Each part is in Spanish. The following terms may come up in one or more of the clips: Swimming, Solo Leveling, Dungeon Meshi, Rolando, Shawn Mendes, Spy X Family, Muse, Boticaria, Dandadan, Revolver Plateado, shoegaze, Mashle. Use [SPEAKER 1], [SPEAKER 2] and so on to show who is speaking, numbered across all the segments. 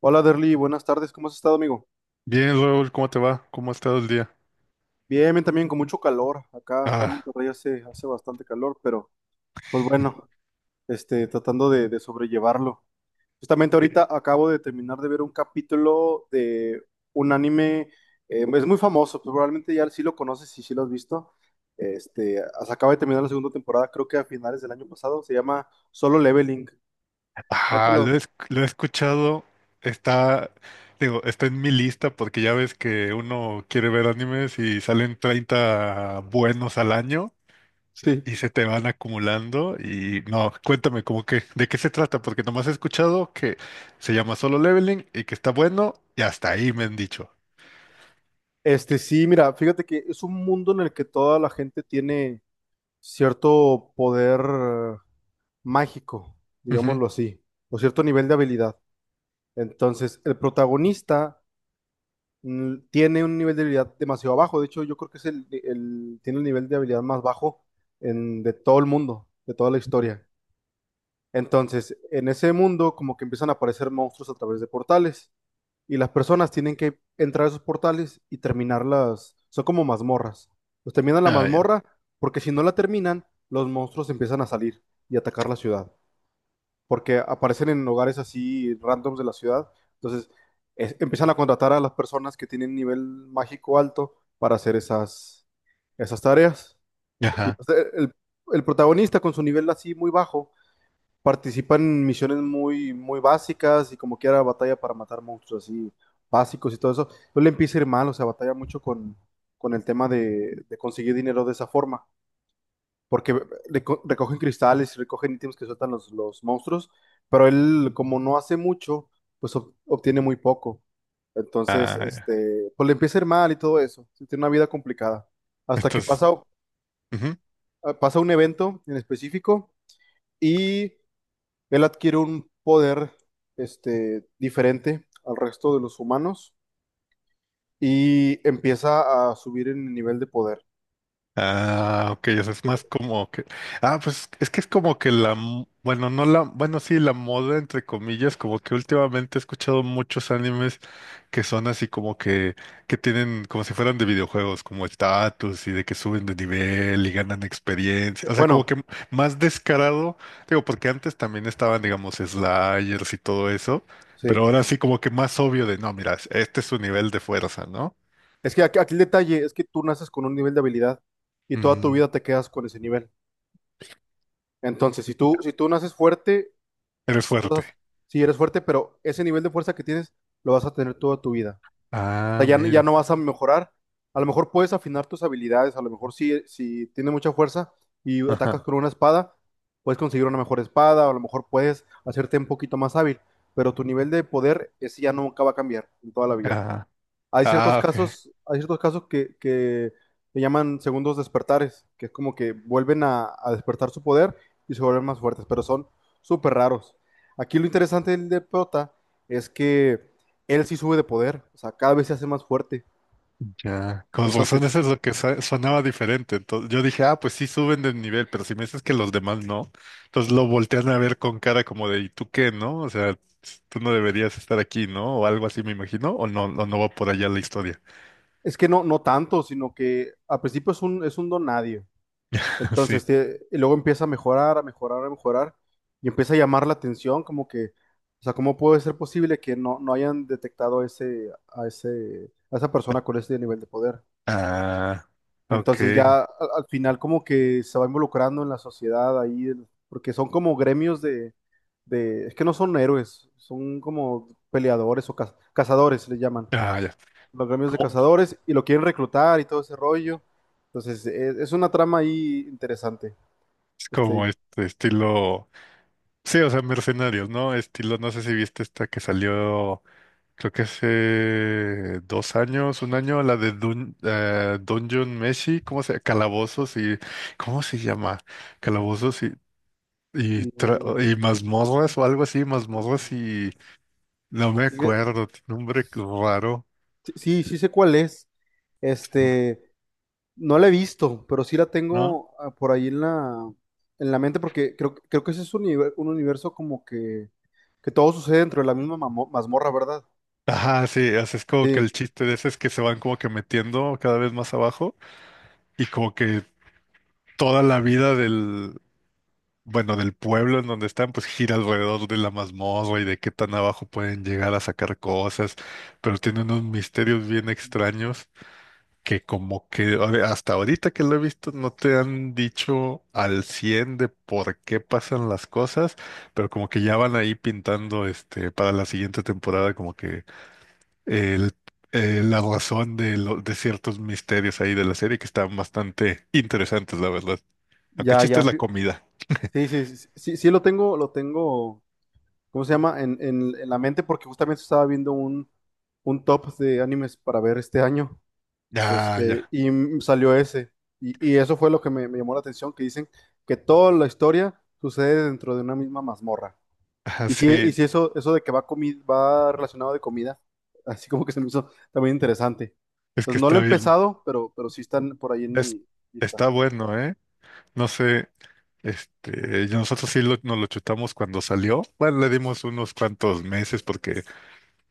[SPEAKER 1] Hola Derly, buenas tardes, ¿cómo has estado, amigo?
[SPEAKER 2] Bien, Raúl, ¿cómo te va? ¿Cómo ha estado el día?
[SPEAKER 1] Bien, bien, también con mucho calor. Acá en
[SPEAKER 2] Ah,
[SPEAKER 1] Monterrey hace bastante calor, pero pues bueno, tratando de sobrellevarlo. Justamente
[SPEAKER 2] sí.
[SPEAKER 1] ahorita acabo de terminar de ver un capítulo de un anime, es muy famoso, pues probablemente ya sí lo conoces y sí lo has visto. Acaba de terminar la segunda temporada, creo que a finales del año pasado, se llama Solo Leveling. Ya te
[SPEAKER 2] Ah, lo
[SPEAKER 1] lo...
[SPEAKER 2] he, esc- lo he escuchado, está, digo, está en mi lista porque ya ves que uno quiere ver animes y salen 30 buenos al año
[SPEAKER 1] Sí.
[SPEAKER 2] y se te van acumulando y no, cuéntame, cómo que, ¿de qué se trata? Porque nomás he escuchado que se llama Solo Leveling y que está bueno y hasta ahí me han dicho.
[SPEAKER 1] Sí, mira, fíjate que es un mundo en el que toda la gente tiene cierto poder mágico, digámoslo así, o cierto nivel de habilidad. Entonces, el protagonista tiene un nivel de habilidad demasiado bajo. De hecho, yo creo que es tiene el nivel de habilidad más bajo de todo el mundo, de toda la
[SPEAKER 2] Ujú.
[SPEAKER 1] historia. Entonces, en ese mundo, como que empiezan a aparecer monstruos a través de portales y las personas tienen que entrar a esos portales y terminarlas. Son como mazmorras. Los terminan la
[SPEAKER 2] Ah, ya.
[SPEAKER 1] mazmorra porque si no la terminan, los monstruos empiezan a salir y atacar la ciudad. Porque aparecen en hogares así randoms de la ciudad. Entonces empiezan a contratar a las personas que tienen nivel mágico alto para hacer esas tareas. Y
[SPEAKER 2] Ajá.
[SPEAKER 1] o sea, el protagonista con su nivel así muy bajo participan en misiones muy, muy básicas y como quiera batalla para matar monstruos así básicos y todo eso. Entonces le empieza a ir mal, o sea, batalla mucho con el tema de conseguir dinero de esa forma, porque recogen cristales y recogen ítems que sueltan los monstruos, pero él como no hace mucho, pues obtiene muy poco. Entonces,
[SPEAKER 2] Ah, ya.
[SPEAKER 1] pues le empieza a ir mal y todo eso. Sí, tiene una vida complicada. Hasta que
[SPEAKER 2] Entonces.
[SPEAKER 1] pasa, Pasa un evento en específico y él adquiere un poder diferente al resto de los humanos y empieza a subir en el nivel de poder.
[SPEAKER 2] Ah, ok, o sea, es más como que. Ah, pues es que es como que la, bueno, no la, bueno, sí, la moda, entre comillas, como que últimamente he escuchado muchos animes que son así como que tienen como si fueran de videojuegos, como estatus y de que suben de nivel y ganan experiencia. O sea, como
[SPEAKER 1] Bueno,
[SPEAKER 2] que más descarado, digo, porque antes también estaban, digamos, sliders y todo eso, pero
[SPEAKER 1] sí.
[SPEAKER 2] ahora sí como que más obvio de, no, mira, este es su nivel de fuerza, ¿no?
[SPEAKER 1] Es que aquí el detalle es que tú naces con un nivel de habilidad y toda tu
[SPEAKER 2] Mm,
[SPEAKER 1] vida te quedas con ese nivel. Entonces, si tú naces fuerte,
[SPEAKER 2] eres fuerte.
[SPEAKER 1] usas, sí eres fuerte, pero ese nivel de fuerza que tienes lo vas a tener toda tu vida. Sea,
[SPEAKER 2] Ah,
[SPEAKER 1] ya, ya
[SPEAKER 2] mira.
[SPEAKER 1] no vas a mejorar. A lo mejor puedes afinar tus habilidades, a lo mejor si tienes mucha fuerza y
[SPEAKER 2] Ajá.
[SPEAKER 1] atacas con una espada, puedes conseguir una mejor espada, o a lo mejor puedes hacerte un poquito más hábil, pero tu nivel de poder, ese ya nunca va a cambiar en toda la vida.
[SPEAKER 2] Ah, ah, ok.
[SPEAKER 1] Hay ciertos que se llaman segundos despertares, que es como que vuelven a despertar su poder y se vuelven más fuertes, pero son súper raros. Aquí lo interesante del de Prota es que él sí sube de poder, o sea, cada vez se hace más fuerte.
[SPEAKER 2] Ya. Con razón,
[SPEAKER 1] Entonces,
[SPEAKER 2] eso es lo que sonaba diferente. Entonces, yo dije, ah, pues sí suben de nivel, pero si me dices que los demás no, entonces lo voltean a ver con cara como de, ¿y tú qué, no? O sea, tú no deberías estar aquí, ¿no? O algo así, me imagino, o no va por allá la historia.
[SPEAKER 1] es que no, no tanto, sino que al principio es es un don nadie.
[SPEAKER 2] Sí.
[SPEAKER 1] Entonces, y luego empieza a mejorar, a mejorar, a mejorar, y empieza a llamar la atención, como que, o sea, ¿cómo puede ser posible que no, no hayan detectado a a esa persona con ese nivel de poder?
[SPEAKER 2] Ah, ok.
[SPEAKER 1] Entonces ya al final como que se va involucrando en la sociedad ahí, porque son como gremios es que no son héroes, son como peleadores o cazadores, le llaman,
[SPEAKER 2] Ah, ya.
[SPEAKER 1] los gremios de
[SPEAKER 2] Como,
[SPEAKER 1] cazadores, y lo quieren reclutar y todo ese rollo. Entonces, es una trama ahí interesante.
[SPEAKER 2] es
[SPEAKER 1] Este,
[SPEAKER 2] como este estilo. Sí, o sea, mercenarios, ¿no? Estilo, no sé si viste esta que salió. Creo que hace 2 años, un año, la de Dungeon Meshi, ¿cómo se Calabozos y? ¿Cómo se llama? Calabozos
[SPEAKER 1] Y-
[SPEAKER 2] y mazmorras o algo así, mazmorras y. No me
[SPEAKER 1] y
[SPEAKER 2] acuerdo, tiene un nombre raro,
[SPEAKER 1] sí, sí sé cuál es. Este, no la he visto, pero sí la
[SPEAKER 2] ¿no?
[SPEAKER 1] tengo por ahí en en la mente porque creo que ese es un universo como que todo sucede dentro de la misma mazmorra, ¿verdad?
[SPEAKER 2] Ajá, sí, o sea, es como que
[SPEAKER 1] Sí,
[SPEAKER 2] el chiste de ese es que se van como que metiendo cada vez más abajo y como que toda la vida del, bueno, del pueblo en donde están, pues gira alrededor de la mazmorra y de qué tan abajo pueden llegar a sacar cosas, pero tiene unos misterios bien extraños que como que a ver, hasta ahorita que lo he visto no te han dicho al 100 de por qué pasan las cosas, pero como que ya van ahí pintando este para la siguiente temporada como que el, la razón de, de ciertos misterios ahí de la serie que están bastante interesantes, la verdad. Aunque el
[SPEAKER 1] ya,
[SPEAKER 2] chiste
[SPEAKER 1] ya.
[SPEAKER 2] es la
[SPEAKER 1] fi-
[SPEAKER 2] comida.
[SPEAKER 1] Sí, sí, sí, sí, sí lo tengo, ¿cómo se llama? En la mente porque justamente estaba viendo un top de animes para ver este año.
[SPEAKER 2] Ya, ya.
[SPEAKER 1] Salió ese. Y eso fue lo que me llamó la atención, que dicen que toda la historia sucede dentro de una misma mazmorra.
[SPEAKER 2] Ajá,
[SPEAKER 1] Y
[SPEAKER 2] sí,
[SPEAKER 1] si eso, eso de que va, va relacionado de comida, así como que se me hizo también interesante.
[SPEAKER 2] es
[SPEAKER 1] Pues
[SPEAKER 2] que
[SPEAKER 1] no lo he
[SPEAKER 2] está bien,
[SPEAKER 1] empezado, pero sí están por ahí en
[SPEAKER 2] es,
[SPEAKER 1] mi lista.
[SPEAKER 2] está bueno, ¿eh? No sé, este, y nosotros sí nos lo chutamos cuando salió. Bueno, le dimos unos cuantos meses porque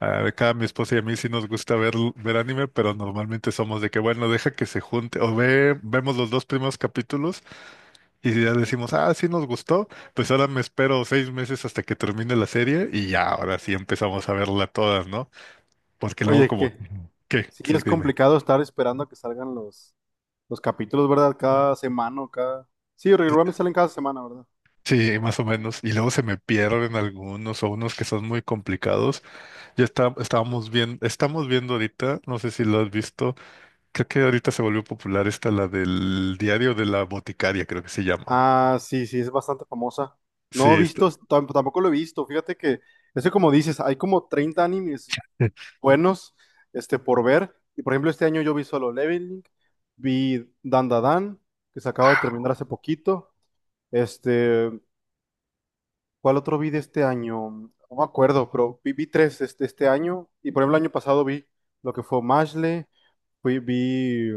[SPEAKER 2] a cada mi esposa y a mí sí nos gusta ver anime, pero normalmente somos de que, bueno, deja que se junte, o vemos los 2 primeros capítulos y ya decimos, ah, sí nos gustó, pues ahora me espero 6 meses hasta que termine la serie y ya, ahora sí empezamos a verla todas, ¿no? Porque luego
[SPEAKER 1] Oye,
[SPEAKER 2] como,
[SPEAKER 1] que
[SPEAKER 2] ¿qué?
[SPEAKER 1] sí
[SPEAKER 2] Sí,
[SPEAKER 1] es
[SPEAKER 2] dime.
[SPEAKER 1] complicado estar esperando a que salgan los capítulos, ¿verdad? Cada semana o cada... Sí, regularmente salen cada semana, ¿verdad?
[SPEAKER 2] Sí, más o menos. Y luego se me pierden algunos o unos que son muy complicados. Ya está, estábamos viendo, estamos viendo ahorita, no sé si lo has visto, creo que ahorita se volvió popular esta, la del diario de la boticaria, creo que se llama.
[SPEAKER 1] Ah, sí, sí, es bastante famosa.
[SPEAKER 2] Sí,
[SPEAKER 1] No he
[SPEAKER 2] está.
[SPEAKER 1] visto, tampoco lo he visto. Ese como dices, hay como 30 animes buenos, por ver. Y por ejemplo, este año yo vi Solo Leveling, vi Dandadan, que se acaba de terminar hace poquito. Este, ¿Cuál otro vi de este año? No me acuerdo, vi tres este año. Y por ejemplo, el año pasado vi lo que fue Mashle, fui, vi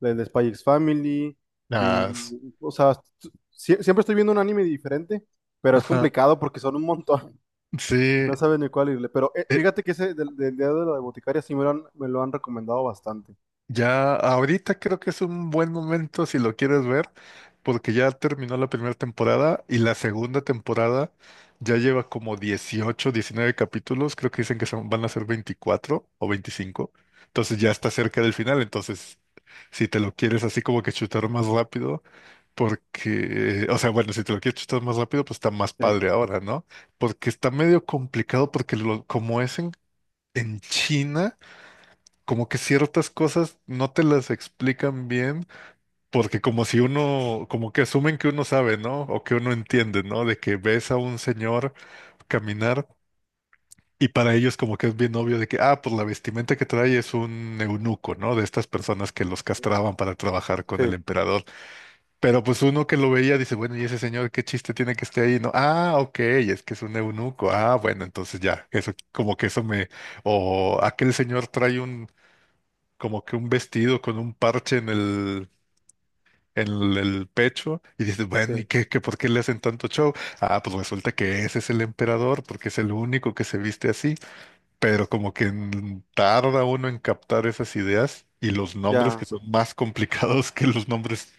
[SPEAKER 1] el de Spy X Family,
[SPEAKER 2] Ah,
[SPEAKER 1] vi. O sea, siempre estoy viendo un anime diferente, pero es
[SPEAKER 2] ajá.
[SPEAKER 1] complicado porque son un montón y
[SPEAKER 2] Sí,
[SPEAKER 1] no saben ni cuál irle. Pero
[SPEAKER 2] eh,
[SPEAKER 1] fíjate que ese del día de la Boticaria sí me lo me lo han recomendado bastante.
[SPEAKER 2] ya ahorita creo que es un buen momento si lo quieres ver porque ya terminó la primera temporada y la segunda temporada ya lleva como 18 19 capítulos, creo que dicen que son, van a ser 24 o 25, entonces ya está cerca del final, entonces si te lo quieres así como que chutar más rápido, porque, o sea, bueno, si te lo quieres chutar más rápido, pues está más
[SPEAKER 1] Sí,
[SPEAKER 2] padre ahora, ¿no? Porque está medio complicado porque como es en, China, como que ciertas cosas no te las explican bien porque como si uno, como que asumen que uno sabe, ¿no? O que uno entiende, ¿no? De que ves a un señor caminar y para ellos como que es bien obvio de que, ah, pues la vestimenta que trae es un eunuco, ¿no? De estas personas que los castraban para trabajar con el
[SPEAKER 1] sí,
[SPEAKER 2] emperador. Pero pues uno que lo veía dice, bueno, ¿y ese señor qué chiste tiene que esté ahí? No, ah, ok, es que es un eunuco. Ah, bueno, entonces ya, eso como que eso me, o aquel señor trae un, como que un vestido con un parche en el pecho y dices, bueno,
[SPEAKER 1] sí,
[SPEAKER 2] ¿y por qué le hacen tanto show? Ah, pues resulta que ese es el emperador porque es el único que se viste así, pero como que tarda uno en captar esas ideas y los nombres que
[SPEAKER 1] ya.
[SPEAKER 2] son más complicados que los nombres.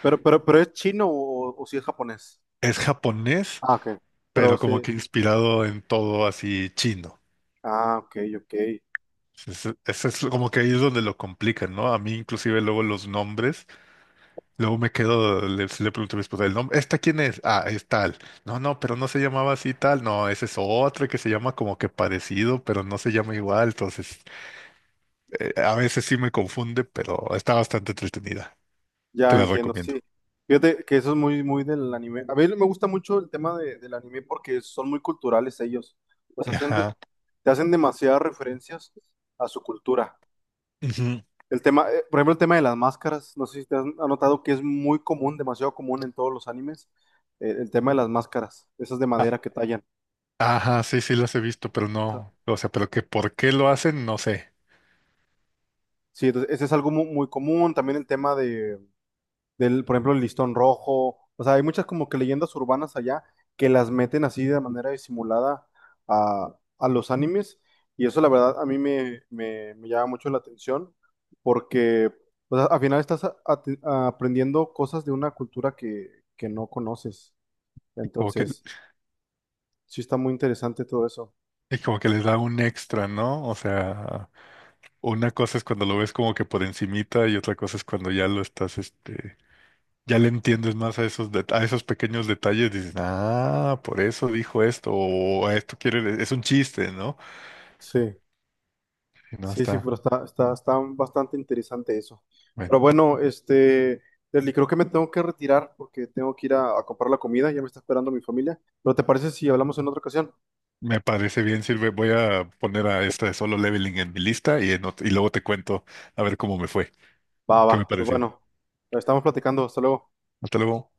[SPEAKER 1] Pero ¿es chino o si es japonés?
[SPEAKER 2] Es japonés,
[SPEAKER 1] Ah, ok. Pero
[SPEAKER 2] pero como
[SPEAKER 1] sí.
[SPEAKER 2] que inspirado en todo así chino.
[SPEAKER 1] Ah, ok, ok.
[SPEAKER 2] Eso es como que ahí es donde lo complican, ¿no? A mí inclusive luego los nombres. Luego me quedo, le pregunto a mi esposa el nombre, ¿esta quién es? Ah, es tal. No, no, pero no se llamaba así tal. No, ese es otro que se llama como que parecido, pero no se llama igual. Entonces, a veces sí me confunde, pero está bastante entretenida. Te
[SPEAKER 1] Ya
[SPEAKER 2] la
[SPEAKER 1] entiendo, sí.
[SPEAKER 2] recomiendo.
[SPEAKER 1] Fíjate que eso es muy, muy del anime. A mí me gusta mucho el del anime porque son muy culturales ellos. Pues
[SPEAKER 2] Ajá.
[SPEAKER 1] te hacen demasiadas referencias a su cultura.
[SPEAKER 2] Ujú.
[SPEAKER 1] Por ejemplo, el tema de las máscaras, no sé si te has notado que es muy común, demasiado común en todos los animes, el tema de las máscaras, esas de
[SPEAKER 2] A-
[SPEAKER 1] madera que tallan. O
[SPEAKER 2] Ajá, sí, sí las he visto, pero
[SPEAKER 1] sea,
[SPEAKER 2] no. O sea, pero que por qué lo hacen, no sé.
[SPEAKER 1] sí, entonces, ese es algo muy común. También el tema de por ejemplo, el listón rojo. O sea, hay muchas como que leyendas urbanas allá que las meten así de manera disimulada a los animes. Y eso, la verdad, a mí me llama mucho la atención porque o sea, al final aprendiendo cosas de una cultura que no conoces.
[SPEAKER 2] Como que,
[SPEAKER 1] Entonces, sí está muy interesante todo eso.
[SPEAKER 2] y como que les da un extra, ¿no? O sea, una cosa es cuando lo ves como que por encimita y otra cosa es cuando ya lo estás, este. Ya le entiendes más a esos, a esos pequeños detalles, dices, ah, por eso dijo esto, o "A esto quiere, es un chiste, ¿no?
[SPEAKER 1] Sí.
[SPEAKER 2] Y no
[SPEAKER 1] Sí, sí,
[SPEAKER 2] está,
[SPEAKER 1] pero está bastante interesante eso.
[SPEAKER 2] bueno,
[SPEAKER 1] Pero bueno, Leslie, creo que me tengo que retirar porque tengo que ir a comprar la comida, ya me está esperando mi familia. ¿Pero te parece si hablamos en otra ocasión?
[SPEAKER 2] me parece bien, sirve, voy a poner a esta de Solo Leveling en mi lista y, en y luego te cuento a ver cómo me fue,
[SPEAKER 1] Va,
[SPEAKER 2] qué me
[SPEAKER 1] va, pues
[SPEAKER 2] pareció.
[SPEAKER 1] bueno, estamos platicando, hasta luego.
[SPEAKER 2] Hasta luego.